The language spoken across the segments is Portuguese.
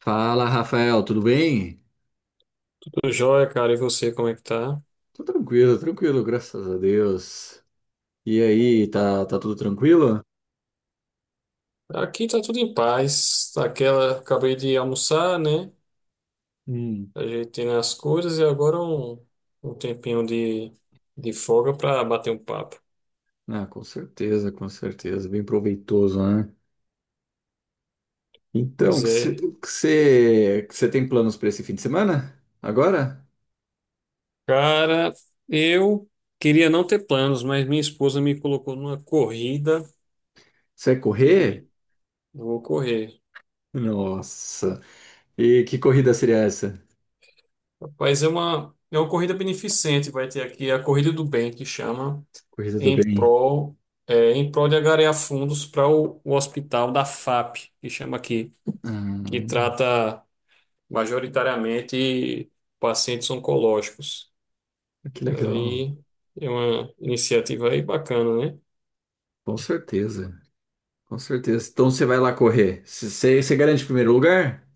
Fala, Rafael, tudo bem? Tudo jóia, cara, e você, como é que tá? Tô tranquilo, tranquilo, graças a Deus. E aí, tá tudo tranquilo? Aqui tá tudo em paz. Aquela, acabei de almoçar, né? Hum. Ajeitando as coisas e agora um tempinho de folga pra bater um papo. Ah, com certeza, bem proveitoso, né? Então, o Pois que é. você tem planos para esse fim de semana? Agora? Cara, eu queria não ter planos, mas minha esposa me colocou numa corrida Você vai correr? e vou correr. Nossa, e que corrida seria essa? Rapaz, é uma corrida beneficente, vai ter aqui a Corrida do Bem, que chama. Corrida do Em bem. prol, é, em prol de angariar fundos para o hospital da FAP, que chama aqui, que Ah, trata majoritariamente pacientes oncológicos. que legal, Aí é uma iniciativa aí bacana, né? com certeza, com certeza. Então você vai lá correr. Você garante o primeiro lugar?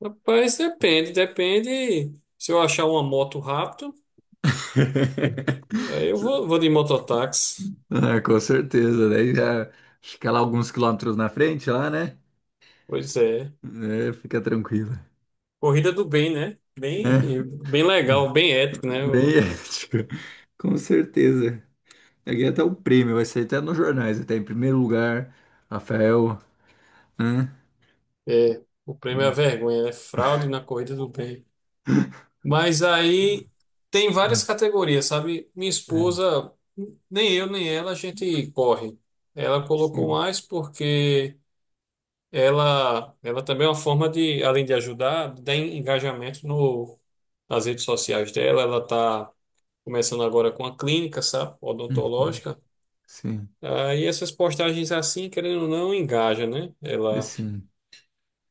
Rapaz, depende, depende. Se eu achar uma moto rápido, aí eu vou de mototáxi. Ah, com certeza, daí já fica lá alguns quilômetros na frente lá, né? Pois é. É, fica tranquilo, Corrida do bem, né? Bem, né? bem legal, bem ético, né? Bem O, ético, com certeza. Ganhei até o prêmio, vai sair até nos jornais, até em primeiro lugar, Rafael, né? é, o prêmio é a Hum, vergonha, é fraude na corrida do bem. Mas aí tem hum, várias categorias, sabe? Minha é, esposa, nem eu nem ela, a gente corre. Ela colocou sim, mais porque ela também é uma forma de, além de ajudar, dar engajamento no, nas redes sociais dela. Ela está começando agora com a clínica, sabe? uhum, Odontológica. sim, Aí essas postagens assim, querendo ou não, engaja, né? e Ela. sim,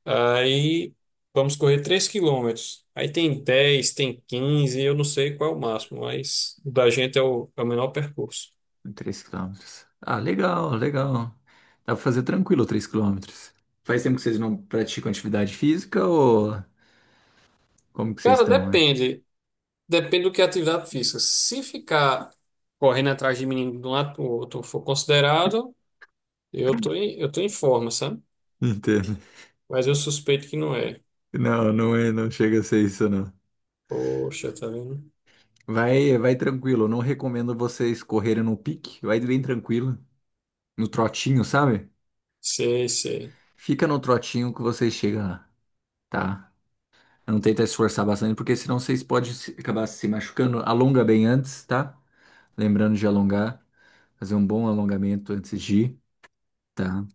Aí vamos correr 3 quilômetros. Aí tem dez, tem quinze, eu não sei qual é o máximo, mas o da gente é é o menor percurso. 3 quilômetros. Ah, legal, legal. Dá pra fazer tranquilo 3 quilômetros. Faz tempo que vocês não praticam atividade física ou como que vocês Cara, estão, né? depende. Depende do que é atividade física. Se ficar correndo atrás de menino de um lado para o outro for considerado, eu tô em forma, sabe? Entendo. Mas eu suspeito que não é. Não, não é, não chega a ser isso, não. Poxa, tá vendo? Vai, vai tranquilo. Eu não recomendo vocês correrem no pique. Vai bem tranquilo. No trotinho, sabe? Sei, sei. Fica no trotinho que vocês chegam lá, tá? Não tenta esforçar bastante, porque senão vocês podem acabar se machucando. Alonga bem antes, tá? Lembrando de alongar. Fazer um bom alongamento antes de ir, tá?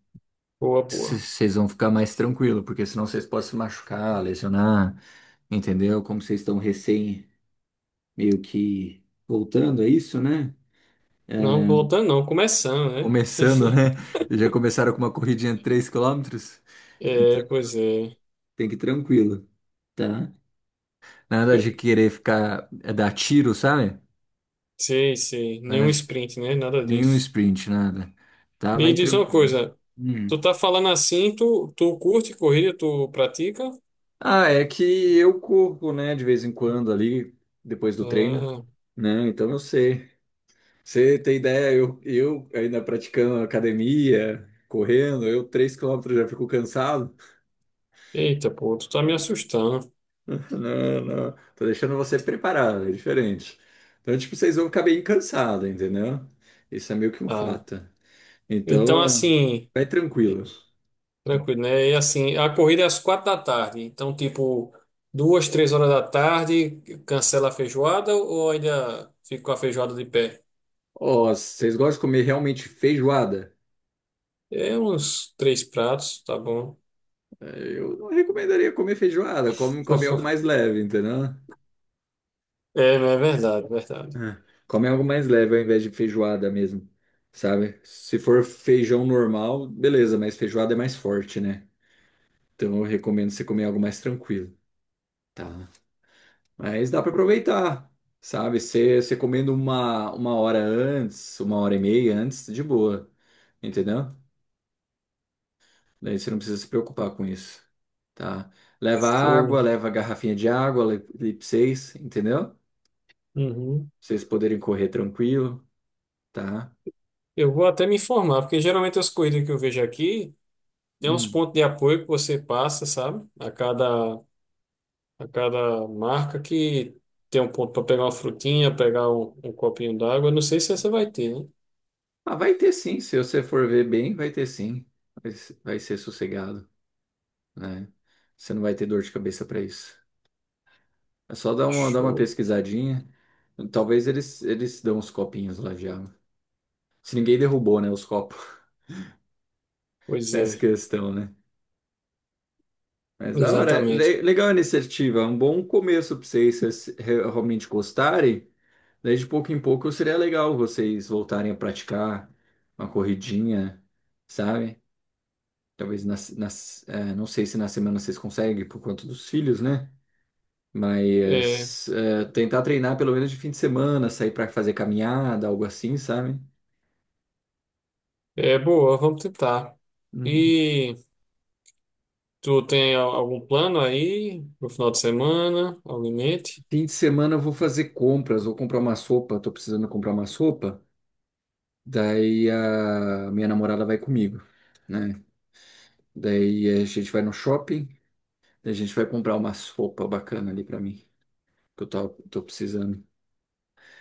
Boa, boa. Vocês vão ficar mais tranquilo, porque senão vocês podem se machucar, lesionar, entendeu? Como vocês estão recém, meio que voltando, é isso, né? Não, voltando não, começando, né? Começando, né? Já começaram com uma corridinha de 3 quilômetros. Então É, pois é. tem que ir tranquilo, tá? Nada de querer ficar, é dar tiro, sabe? Sei, sei. Nada Nenhum de sprint, né? Nada nenhum disso. sprint, nada. Tá, Me vai diz uma tranquilo. coisa, Hum. tu tá falando assim, tu curte corrida, tu pratica? Ah, é que eu corro, né, de vez em quando ali, depois do treino, Ah, né? Então eu sei. Você tem ideia, eu ainda praticando academia, correndo, eu 3 quilômetros já fico cansado. eita, pô, tu tá me assustando. Não, não. Tô deixando você preparado, é diferente. Então, tipo, vocês vão ficar bem cansados, entendeu? Isso é meio que um Ah, fato. então Então, assim, vai tranquilo. tranquilo, né? E assim, a corrida é às 4 da tarde, então tipo, duas, três horas da tarde, cancela a feijoada ou ainda fica com a feijoada de pé? Ó, vocês gostam de comer realmente feijoada? É uns três pratos, tá bom. Eu não recomendaria comer feijoada. Come, come algo mais leve, entendeu? É, não é verdade, verdade. É. Come algo mais leve ao invés de feijoada mesmo, sabe? Se for feijão normal, beleza, mas feijoada é mais forte, né? Então, eu recomendo você comer algo mais tranquilo, tá? Mas dá para aproveitar, sabe? Você comendo uma hora antes, uma hora e meia antes, de boa, entendeu? Daí você não precisa se preocupar com isso, tá? Leva Show. água, leva garrafinha de água, Lip 6, entendeu? Pra Uhum. vocês poderem correr tranquilo, tá? Eu vou até me informar, porque geralmente as corridas que eu vejo aqui tem uns Hum. pontos de apoio que você passa, sabe? A cada marca que tem um ponto para pegar uma frutinha, pegar um copinho d'água. Eu não sei se essa vai ter, né? Ah, vai ter sim, se você for ver bem, vai ter sim. Vai, vai ser sossegado, né? Você não vai ter dor de cabeça para isso. É só dar uma Show. pesquisadinha. Talvez eles dão uns copinhos lá já. Se ninguém derrubou, né, os copos Pois nessa é, questão, né? Mas da hora, exatamente. legal a iniciativa, é um bom começo para vocês se vocês realmente gostarem. Daí de pouco em pouco seria legal vocês voltarem a praticar uma corridinha, sabe? Talvez nas, não sei se na semana vocês conseguem por conta dos filhos, né? É, Mas tentar treinar pelo menos de fim de semana, sair para fazer caminhada, algo assim, sabe? é boa, vamos tentar. Hum. E tu tem algum plano aí no final de semana? Algum em mente? Fim de semana eu vou fazer compras, vou comprar uma sopa, tô precisando comprar uma sopa. Daí a minha namorada vai comigo, né? Daí a gente vai no shopping, daí a gente vai comprar umas roupas bacana ali pra mim, que eu tô precisando.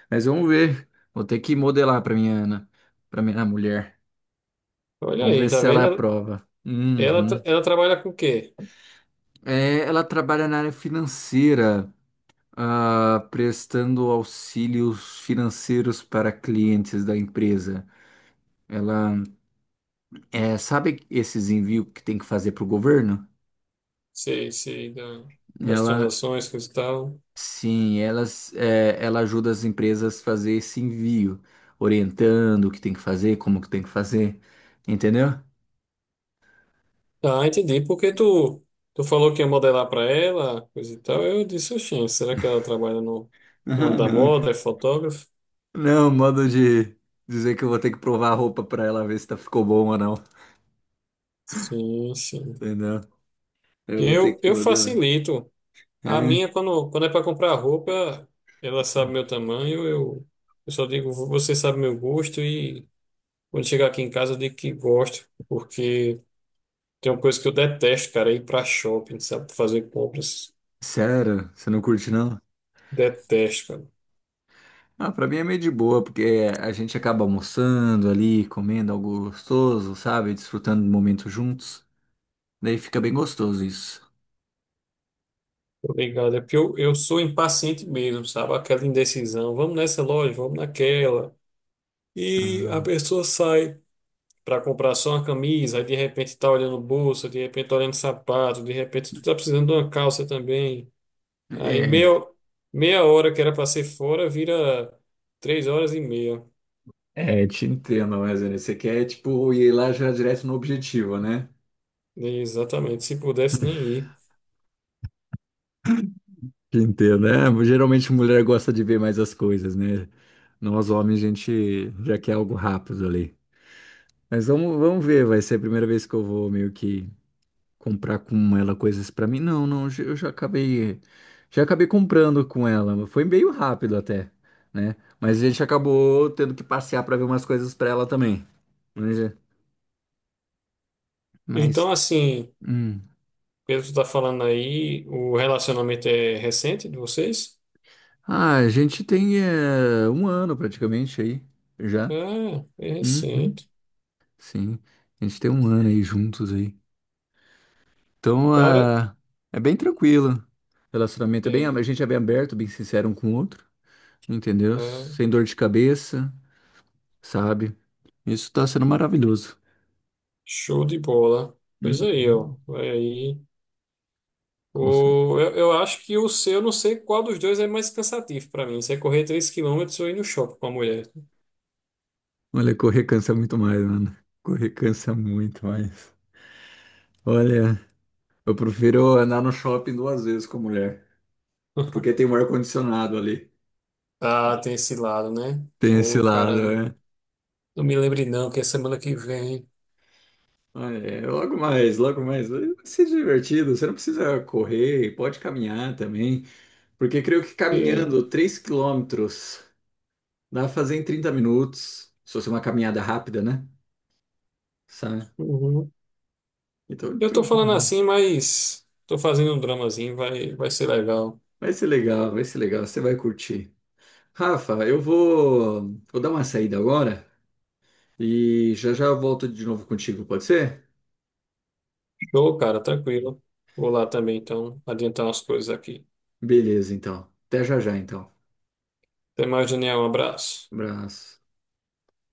Mas vamos ver, vou ter que modelar pra minha Ana, pra minha mulher. Olha Vamos aí, ver tá se ela vendo? Ela, aprova. Uhum. Ela trabalha com o quê? É, ela trabalha na área financeira, ah, prestando auxílios financeiros para clientes da empresa. Ela, é, sabe esses envios que tem que fazer para o governo? Sei, sei, das Ela, transações, coisa e tal. sim, elas, é, ela ajuda as empresas a fazer esse envio, orientando o que tem que fazer, como que tem que fazer, entendeu? Ah, entendi. Porque tu falou que ia modelar pra ela, coisa e tal. Eu disse, oxente, será que ela trabalha no ramo Ah, da não. moda, é fotógrafa? Não, modo de dizer que eu vou ter que provar a roupa pra ela ver se tá ficou bom ou não, Sim, sim. entendeu? Eu vou ter que Eu modelar. facilito. A É? minha, quando é para comprar roupa, ela sabe meu tamanho, eu só digo, você sabe meu gosto e quando chegar aqui em casa eu digo que gosto, porque tem uma coisa que eu detesto, cara, é ir para shopping, sabe, fazer compras. Sério? Você não curte não? Detesto, cara. Ah, pra mim é meio de boa, porque a gente acaba almoçando ali, comendo algo gostoso, sabe? Desfrutando do momento juntos. Daí fica bem gostoso isso. Obrigado. É porque eu sou impaciente mesmo, sabe? Aquela indecisão. Vamos nessa loja, vamos naquela. E a Ah, pessoa sai para comprar só uma camisa, aí de repente está olhando bolsa, de repente tá olhando sapato, de repente tu tá precisando de uma calça também. Aí é. meia hora que era para ser fora vira 3 horas e meia. É, te entendo, mas né, você quer, tipo, ir lá já direto no objetivo, né? Exatamente. Se pudesse nem ir. Te entendo, né? Geralmente mulher gosta de ver mais as coisas, né? Nós homens, a gente já quer algo rápido ali. Mas vamos ver, vai ser a primeira vez que eu vou meio que comprar com ela coisas pra mim. Não, não, eu já acabei comprando com ela. Foi meio rápido até, né? Mas a gente acacabou tendo que passear pra ver umas coisas pra ela também. Mas, Então, mas, assim, hum. pelo que tu tá falando aí, o relacionamento é recente de vocês? Ah, a gente tem um ano praticamente aí, já. Ah, é Uhum, recente. sim, a gente tem um ano aí juntos aí. Então, Cara, ah, é bem tranquilo. O relacionamento é bem, é, a gente é bem aberto, bem sincero um com o outro, entendeu? né? Sem dor de cabeça, sabe? Isso tá sendo maravilhoso. Show de bola. Pois aí, ó. Uhum, Vai aí. com certeza. O, eu acho que o seu, eu não sei qual dos dois é mais cansativo para mim. Se é correr 3 quilômetros ou ir no shopping com a mulher. Olha, correr cansa muito mais, mano. Correr cansa muito mais. Olha, eu prefiro andar no shopping duas vezes com a mulher, porque tem um ar-condicionado ali. Ah, tem esse lado, né? Tem esse Ô, lado, cara, né? não me lembre não que é semana que vem. Olha, é, logo mais, logo mais. Vai ser divertido. Você não precisa correr, pode caminhar também. Porque creio que É, caminhando 3 quilômetros dá pra fazer em 30 minutos. Se fosse uma caminhada rápida, né? Sabe? uhum. Então, Eu tô falando tranquilo. assim, mas tô fazendo um dramazinho, vai, vai ser legal. Vai ser legal, vai ser legal. Você vai curtir. Rafa, eu vou dar uma saída agora e já já eu volto de novo contigo, pode ser? Show, cara, tranquilo. Vou lá também, então, adiantar umas coisas aqui. Beleza, então. Até já já, então. Até mais, Daniel, um abraço. Abraço.